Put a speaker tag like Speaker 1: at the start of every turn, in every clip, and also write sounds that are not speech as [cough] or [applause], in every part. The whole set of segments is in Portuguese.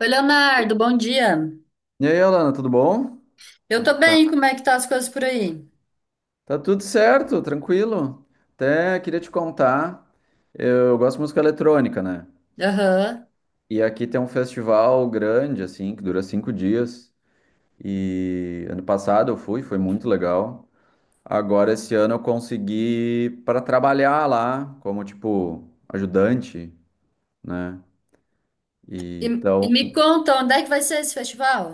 Speaker 1: Oi, Leonardo, bom dia.
Speaker 2: E aí, Alana, tudo bom?
Speaker 1: Eu
Speaker 2: Como é
Speaker 1: tô
Speaker 2: que tá?
Speaker 1: bem, como é que tá as coisas por aí?
Speaker 2: Tá tudo certo, tranquilo. Até queria te contar, eu gosto de música eletrônica, né?
Speaker 1: Aham.
Speaker 2: E aqui tem um festival grande, assim, que dura cinco dias. E ano passado eu fui, foi muito legal. Agora, esse ano, eu consegui para trabalhar lá, como, tipo, ajudante, né? E
Speaker 1: E, e
Speaker 2: então.
Speaker 1: me conta, onde é que vai ser esse festival?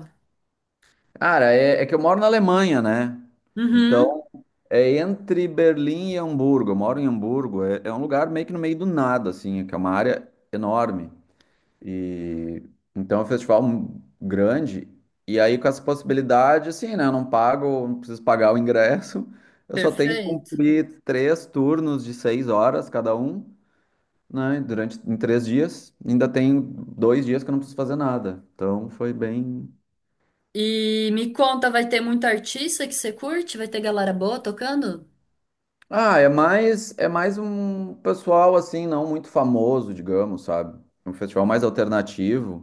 Speaker 2: Cara, é que eu moro na Alemanha, né?
Speaker 1: Uhum,
Speaker 2: Então é entre Berlim e Hamburgo. Eu moro em Hamburgo. É um lugar meio que no meio do nada, assim, que é uma área enorme. E então é um festival grande. E aí, com essa possibilidade, assim, né? Eu não pago, não preciso pagar o ingresso. [laughs] Eu só tenho que
Speaker 1: perfeito.
Speaker 2: cumprir três turnos de seis horas cada um, né? Durante em três dias. Ainda tem dois dias que eu não preciso fazer nada. Então foi bem.
Speaker 1: E me conta, vai ter muito artista que você curte? Vai ter galera boa tocando?
Speaker 2: Ah, é mais um pessoal assim, não muito famoso, digamos, sabe? Um festival mais alternativo,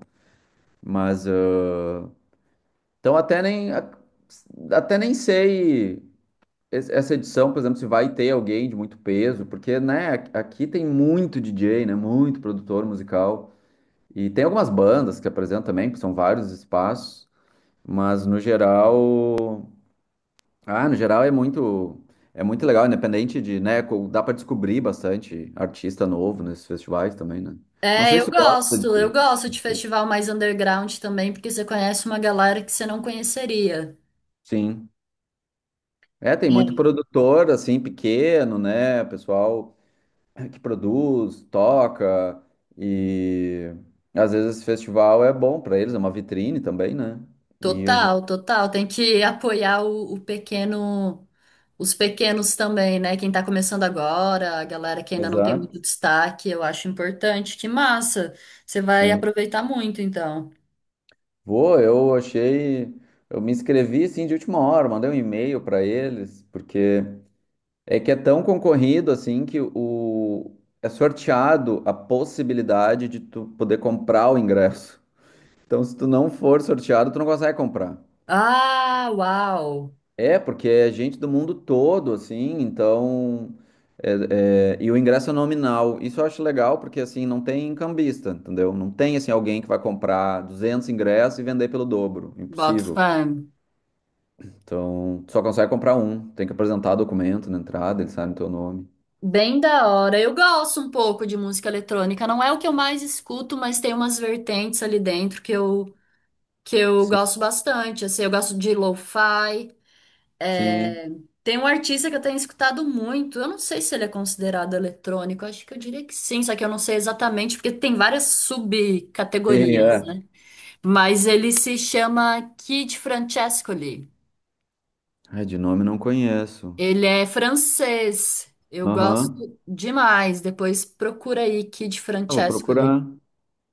Speaker 2: mas então até nem sei essa edição, por exemplo, se vai ter alguém de muito peso, porque né, aqui tem muito DJ, né, muito produtor musical e tem algumas bandas que apresentam também, que são vários espaços, mas no geral, no geral é muito, é muito legal, independente de, né, dá para descobrir bastante artista novo nesses festivais também, né? Não
Speaker 1: É,
Speaker 2: sei
Speaker 1: eu
Speaker 2: se tu gosta
Speaker 1: gosto, eu
Speaker 2: de…
Speaker 1: gosto de festival mais underground também, porque você conhece uma galera que você não conheceria.
Speaker 2: Sim. É, tem muito produtor assim pequeno, né, pessoal que produz, toca e às vezes esse festival é bom para eles, é uma vitrine também, né? E a gente…
Speaker 1: Total, total. Tem que [laughs] apoiar o pequeno, os pequenos também, né? Quem tá começando agora, a galera que ainda não tem muito
Speaker 2: Exato.
Speaker 1: destaque, eu acho importante. Que massa! Você vai
Speaker 2: Sim.
Speaker 1: aproveitar muito, então.
Speaker 2: Vou, eu achei, eu me inscrevi assim de última hora, mandei um e-mail para eles, porque… É que é tão concorrido assim que o… é sorteado a possibilidade de tu poder comprar o ingresso. Então, se tu não for sorteado, tu não consegue comprar.
Speaker 1: Ah, uau!
Speaker 2: É, porque é gente do mundo todo, assim, então. E o ingresso é nominal. Isso eu acho legal, porque assim, não tem cambista, entendeu? Não tem assim alguém que vai comprar 200 ingressos e vender pelo dobro.
Speaker 1: Boto
Speaker 2: Impossível.
Speaker 1: fé.
Speaker 2: Então, tu só consegue comprar um. Tem que apresentar documento na entrada, ele sabe o teu nome.
Speaker 1: Bem da hora. Eu gosto um pouco de música eletrônica. Não é o que eu mais escuto, mas tem umas vertentes ali dentro que eu
Speaker 2: Sim,
Speaker 1: gosto bastante. Assim, eu gosto de lo-fi.
Speaker 2: sim,
Speaker 1: É, tem um artista que eu tenho escutado muito. Eu não sei se ele é considerado eletrônico. Acho que eu diria que sim, só que eu não sei exatamente, porque tem várias
Speaker 2: sim,
Speaker 1: subcategorias,
Speaker 2: é.
Speaker 1: né? Mas ele se chama Kid Francescoli.
Speaker 2: Ai, de nome não conheço.
Speaker 1: Ele é francês. Eu
Speaker 2: Aham.
Speaker 1: gosto demais. Depois procura aí Kid
Speaker 2: Ah, vou
Speaker 1: Francescoli.
Speaker 2: procurar.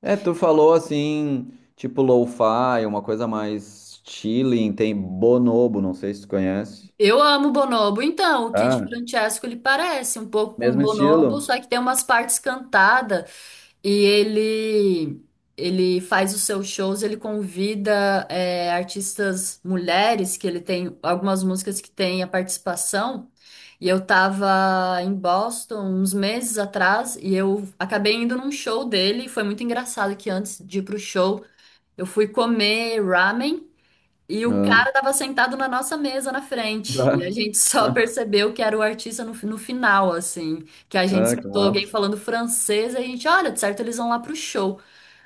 Speaker 2: É, tu falou assim, tipo lo-fi, uma coisa mais chilling, tem Bonobo, não sei se tu conhece.
Speaker 1: Eu amo Bonobo. Então, o Kid
Speaker 2: Ah,
Speaker 1: Francescoli parece um pouco com
Speaker 2: mesmo
Speaker 1: Bonobo,
Speaker 2: estilo?
Speaker 1: só que tem umas partes cantadas. E ele faz os seus shows, ele convida artistas mulheres, que ele tem algumas músicas que tem a participação. E eu tava em Boston uns meses atrás e eu acabei indo num show dele. Foi muito engraçado que, antes de ir pro show, eu fui comer ramen. E o
Speaker 2: Ah,
Speaker 1: cara tava sentado na nossa mesa na frente. E a
Speaker 2: tá.
Speaker 1: gente só
Speaker 2: [laughs]
Speaker 1: percebeu que era o artista no, no final, assim. Que a gente
Speaker 2: Ah, que
Speaker 1: escutou alguém
Speaker 2: massa.
Speaker 1: falando francês e a gente, olha, de certo eles vão lá pro show.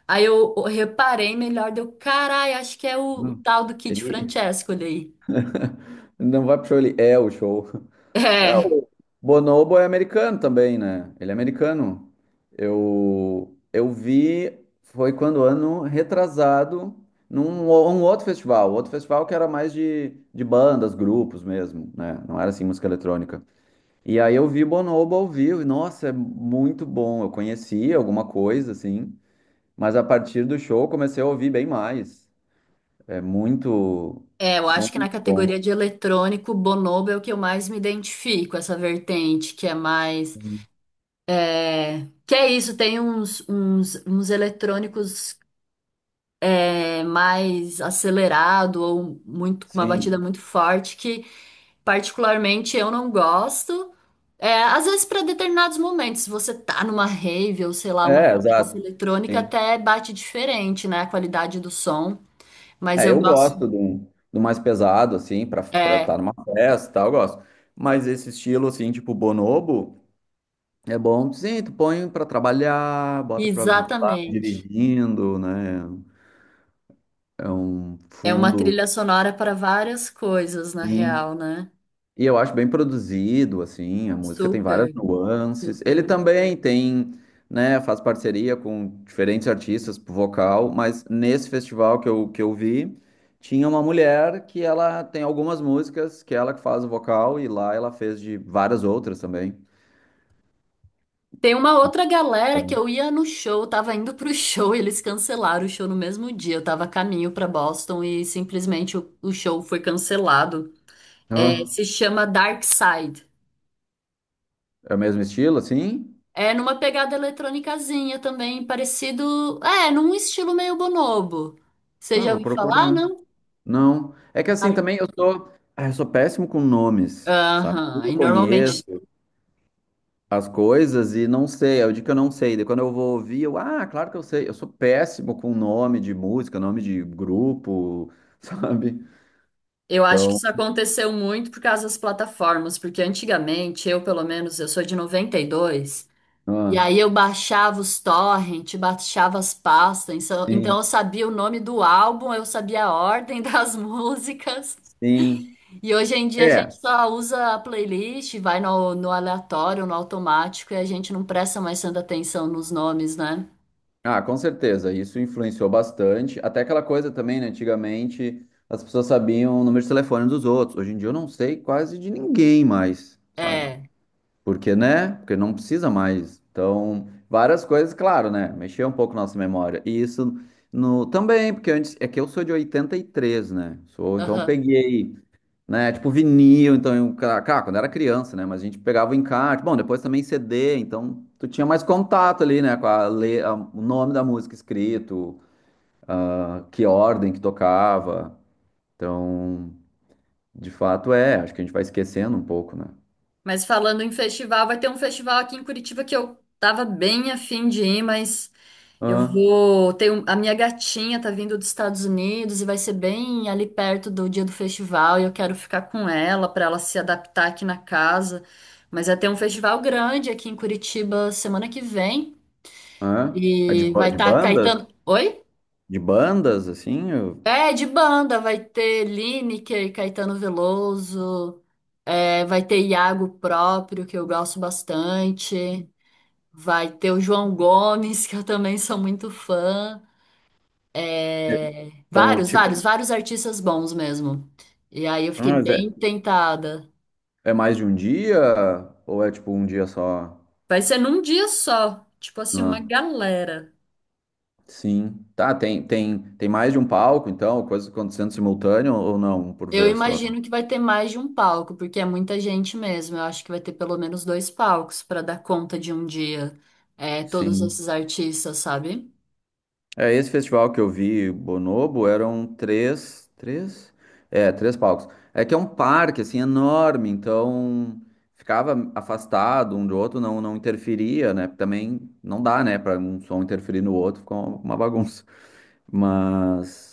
Speaker 1: Aí eu reparei melhor, deu, carai, acho que é o
Speaker 2: Hum.
Speaker 1: tal do Kid
Speaker 2: Ele
Speaker 1: Francesco ali.
Speaker 2: [laughs] não vai pro show, ele é o show. É,
Speaker 1: É,
Speaker 2: o Bonobo é americano também, né? Ele é americano. Eu vi, foi quando ano retrasado, um outro festival que era mais de bandas, grupos mesmo, né? Não era assim música eletrônica. E aí eu vi Bonobo ao vivo, e nossa, é muito bom. Eu conhecia alguma coisa, assim, mas a partir do show eu comecei a ouvir bem mais. É muito,
Speaker 1: eu acho que na
Speaker 2: muito bom.
Speaker 1: categoria de eletrônico, Bonobo é o que eu mais me identifico, essa vertente, que é mais. É, que é isso, tem uns eletrônicos é mais acelerado ou muito com uma batida
Speaker 2: Sim.
Speaker 1: muito forte que particularmente eu não gosto. É, às vezes para determinados momentos, se você tá numa rave ou sei lá, uma
Speaker 2: É,
Speaker 1: festa
Speaker 2: exato.
Speaker 1: eletrônica
Speaker 2: Sim.
Speaker 1: até bate diferente, né, a qualidade do som, mas
Speaker 2: É,
Speaker 1: eu
Speaker 2: eu
Speaker 1: gosto.
Speaker 2: gosto do, do mais pesado, assim, pra estar
Speaker 1: É,
Speaker 2: tá numa festa e tal, eu gosto. Mas esse estilo, assim, tipo bonobo, é bom, sim, tu põe pra trabalhar, bota pra, sei lá,
Speaker 1: exatamente.
Speaker 2: dirigindo, né? É um
Speaker 1: É uma
Speaker 2: fundo,
Speaker 1: trilha sonora para várias coisas, na
Speaker 2: sim.
Speaker 1: real, né?
Speaker 2: E eu acho bem produzido, assim, a música tem várias
Speaker 1: Super,
Speaker 2: nuances. Ele
Speaker 1: super.
Speaker 2: também tem, né, faz parceria com diferentes artistas pro vocal, mas nesse festival que eu vi, tinha uma mulher que ela tem algumas músicas que ela que faz o vocal e lá ela fez de várias outras também.
Speaker 1: Tem uma outra galera que
Speaker 2: Então,
Speaker 1: eu ia no show, eu tava indo pro show [laughs] e eles cancelaram o show no mesmo dia. Eu tava a caminho pra Boston e simplesmente o show foi cancelado. É,
Speaker 2: ah,
Speaker 1: se chama Dark Side.
Speaker 2: é o mesmo estilo, assim?
Speaker 1: É numa pegada eletrônicazinha também, parecido. É, num estilo meio bonobo. Você
Speaker 2: Ah,
Speaker 1: já
Speaker 2: vou
Speaker 1: ouviu falar,
Speaker 2: procurar.
Speaker 1: não?
Speaker 2: Não. É que assim
Speaker 1: Dark-
Speaker 2: também eu sou, ah, eu sou péssimo com nomes, sabe?
Speaker 1: Aham.
Speaker 2: Eu
Speaker 1: E
Speaker 2: conheço
Speaker 1: normalmente
Speaker 2: as coisas e não sei, é o dia que eu não sei. Daí quando eu vou ouvir, eu, ah, claro que eu sei. Eu sou péssimo com nome de música, nome de grupo, [laughs] sabe?
Speaker 1: eu acho que
Speaker 2: Então,
Speaker 1: isso aconteceu muito por causa das plataformas, porque antigamente, eu pelo menos, eu sou de 92. E
Speaker 2: ah,
Speaker 1: aí eu baixava os torrent, baixava as pastas, então
Speaker 2: sim,
Speaker 1: eu sabia o nome do álbum, eu sabia a ordem [laughs] das músicas.
Speaker 2: sim.
Speaker 1: E hoje em dia a gente
Speaker 2: É.
Speaker 1: só usa a playlist, vai no, no aleatório, no automático, e a gente não presta mais tanta atenção nos nomes, né?
Speaker 2: Ah, com certeza, isso influenciou bastante. Até aquela coisa também, né? Antigamente as pessoas sabiam o número de telefone dos outros. Hoje em dia eu não sei quase de ninguém mais, sabe?
Speaker 1: É,
Speaker 2: Porque, né? Porque não precisa mais. Então, várias coisas, claro, né? Mexer um pouco nossa memória. E isso no também, porque antes é que eu sou de 83, né? Sou, então eu
Speaker 1: aham.
Speaker 2: peguei, né, tipo vinil, então eu, cara, quando era criança, né, mas a gente pegava o encarte. Bom, depois também CD, então tu tinha mais contato ali, né, com a, o nome da música escrito, ah, que ordem que tocava. Então, de fato é, acho que a gente vai esquecendo um pouco, né?
Speaker 1: Mas falando em festival, vai ter um festival aqui em Curitiba que eu tava bem afim de ir, mas. Eu
Speaker 2: Ah,
Speaker 1: vou. Tenho, a minha gatinha tá vindo dos Estados Unidos e vai ser bem ali perto do dia do festival. E eu quero ficar com ela para ela se adaptar aqui na casa. Mas vai ter um festival grande aqui em Curitiba semana que vem.
Speaker 2: ah. É de,
Speaker 1: E vai
Speaker 2: de
Speaker 1: estar Caetano.
Speaker 2: bandas?
Speaker 1: Oi?
Speaker 2: De bandas, assim?
Speaker 1: É, de banda. Vai ter Lineker, Caetano Veloso. É, vai ter Iago próprio, que eu gosto bastante. Vai ter o João Gomes, [laughs] que eu também sou muito fã. É,
Speaker 2: Então,
Speaker 1: vários,
Speaker 2: tipo,
Speaker 1: vários, vários artistas bons mesmo. E aí eu
Speaker 2: ah,
Speaker 1: fiquei
Speaker 2: mas é,
Speaker 1: bem tentada.
Speaker 2: é mais de um dia ou é tipo um dia só?
Speaker 1: Vai ser num dia só, tipo assim, uma
Speaker 2: Ah,
Speaker 1: galera.
Speaker 2: sim. Tá, tem mais de um palco, então, coisas acontecendo simultâneo ou não, por
Speaker 1: Eu
Speaker 2: vez só?
Speaker 1: imagino que vai ter mais de um palco, porque é muita gente mesmo. Eu acho que vai ter pelo menos dois palcos para dar conta de um dia, é, todos
Speaker 2: Sim.
Speaker 1: esses artistas, sabe?
Speaker 2: É, esse festival que eu vi, Bonobo, eram três, três? É, três palcos. É que é um parque, assim, enorme, então ficava afastado um do outro, não, não interferia, né? Também não dá, né, para um som interferir no outro, ficou uma bagunça. Mas…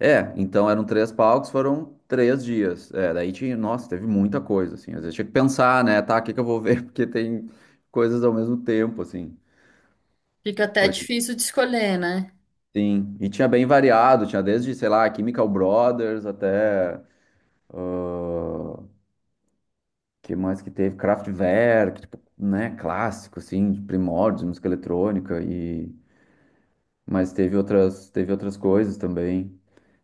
Speaker 2: É, então eram três palcos, foram três dias. É, daí tinha. Nossa, teve muita coisa, assim. Às vezes tinha que pensar, né? Tá, o que que eu vou ver? [laughs] Porque tem coisas ao mesmo tempo, assim.
Speaker 1: Fica até
Speaker 2: Foi.
Speaker 1: difícil de escolher, né?
Speaker 2: Sim. E tinha bem variado, tinha desde, sei lá, Chemical Brothers até. Que mais que teve? Kraftwerk, tipo, né? Clássico, assim, de primórdios, de música eletrônica. E… mas teve outras coisas também.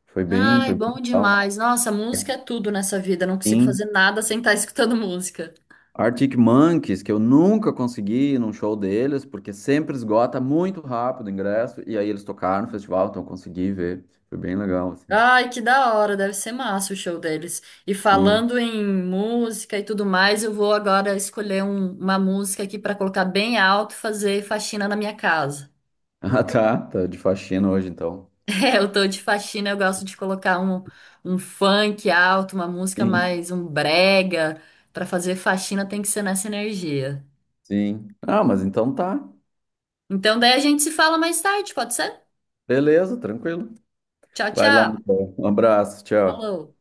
Speaker 1: Ai,
Speaker 2: Foi bem
Speaker 1: bom
Speaker 2: legal.
Speaker 1: demais. Nossa, música é tudo nessa vida. Eu não consigo
Speaker 2: Sim.
Speaker 1: fazer nada sem estar escutando [laughs] música.
Speaker 2: Arctic Monkeys, que eu nunca consegui ir num show deles, porque sempre esgota muito rápido o ingresso, e aí eles tocaram no festival, então eu consegui ver. Foi bem legal, assim.
Speaker 1: Ai, que da hora, deve ser massa o show deles. E
Speaker 2: Sim.
Speaker 1: falando
Speaker 2: [laughs]
Speaker 1: em música e tudo mais, eu vou agora escolher uma música aqui para colocar bem alto e fazer faxina na minha casa.
Speaker 2: Ah, tá. Tá de faxina hoje, então.
Speaker 1: [laughs] É, eu tô de faxina, eu gosto de colocar um, um funk alto, uma música
Speaker 2: Sim,
Speaker 1: mais um brega. Para fazer faxina tem que ser nessa energia.
Speaker 2: sim. Ah, mas então tá.
Speaker 1: Então, daí a gente se fala mais tarde, pode ser?
Speaker 2: Beleza, tranquilo.
Speaker 1: Tchau,
Speaker 2: Vai lá,
Speaker 1: tchau.
Speaker 2: então. Um abraço, tchau.
Speaker 1: Falou.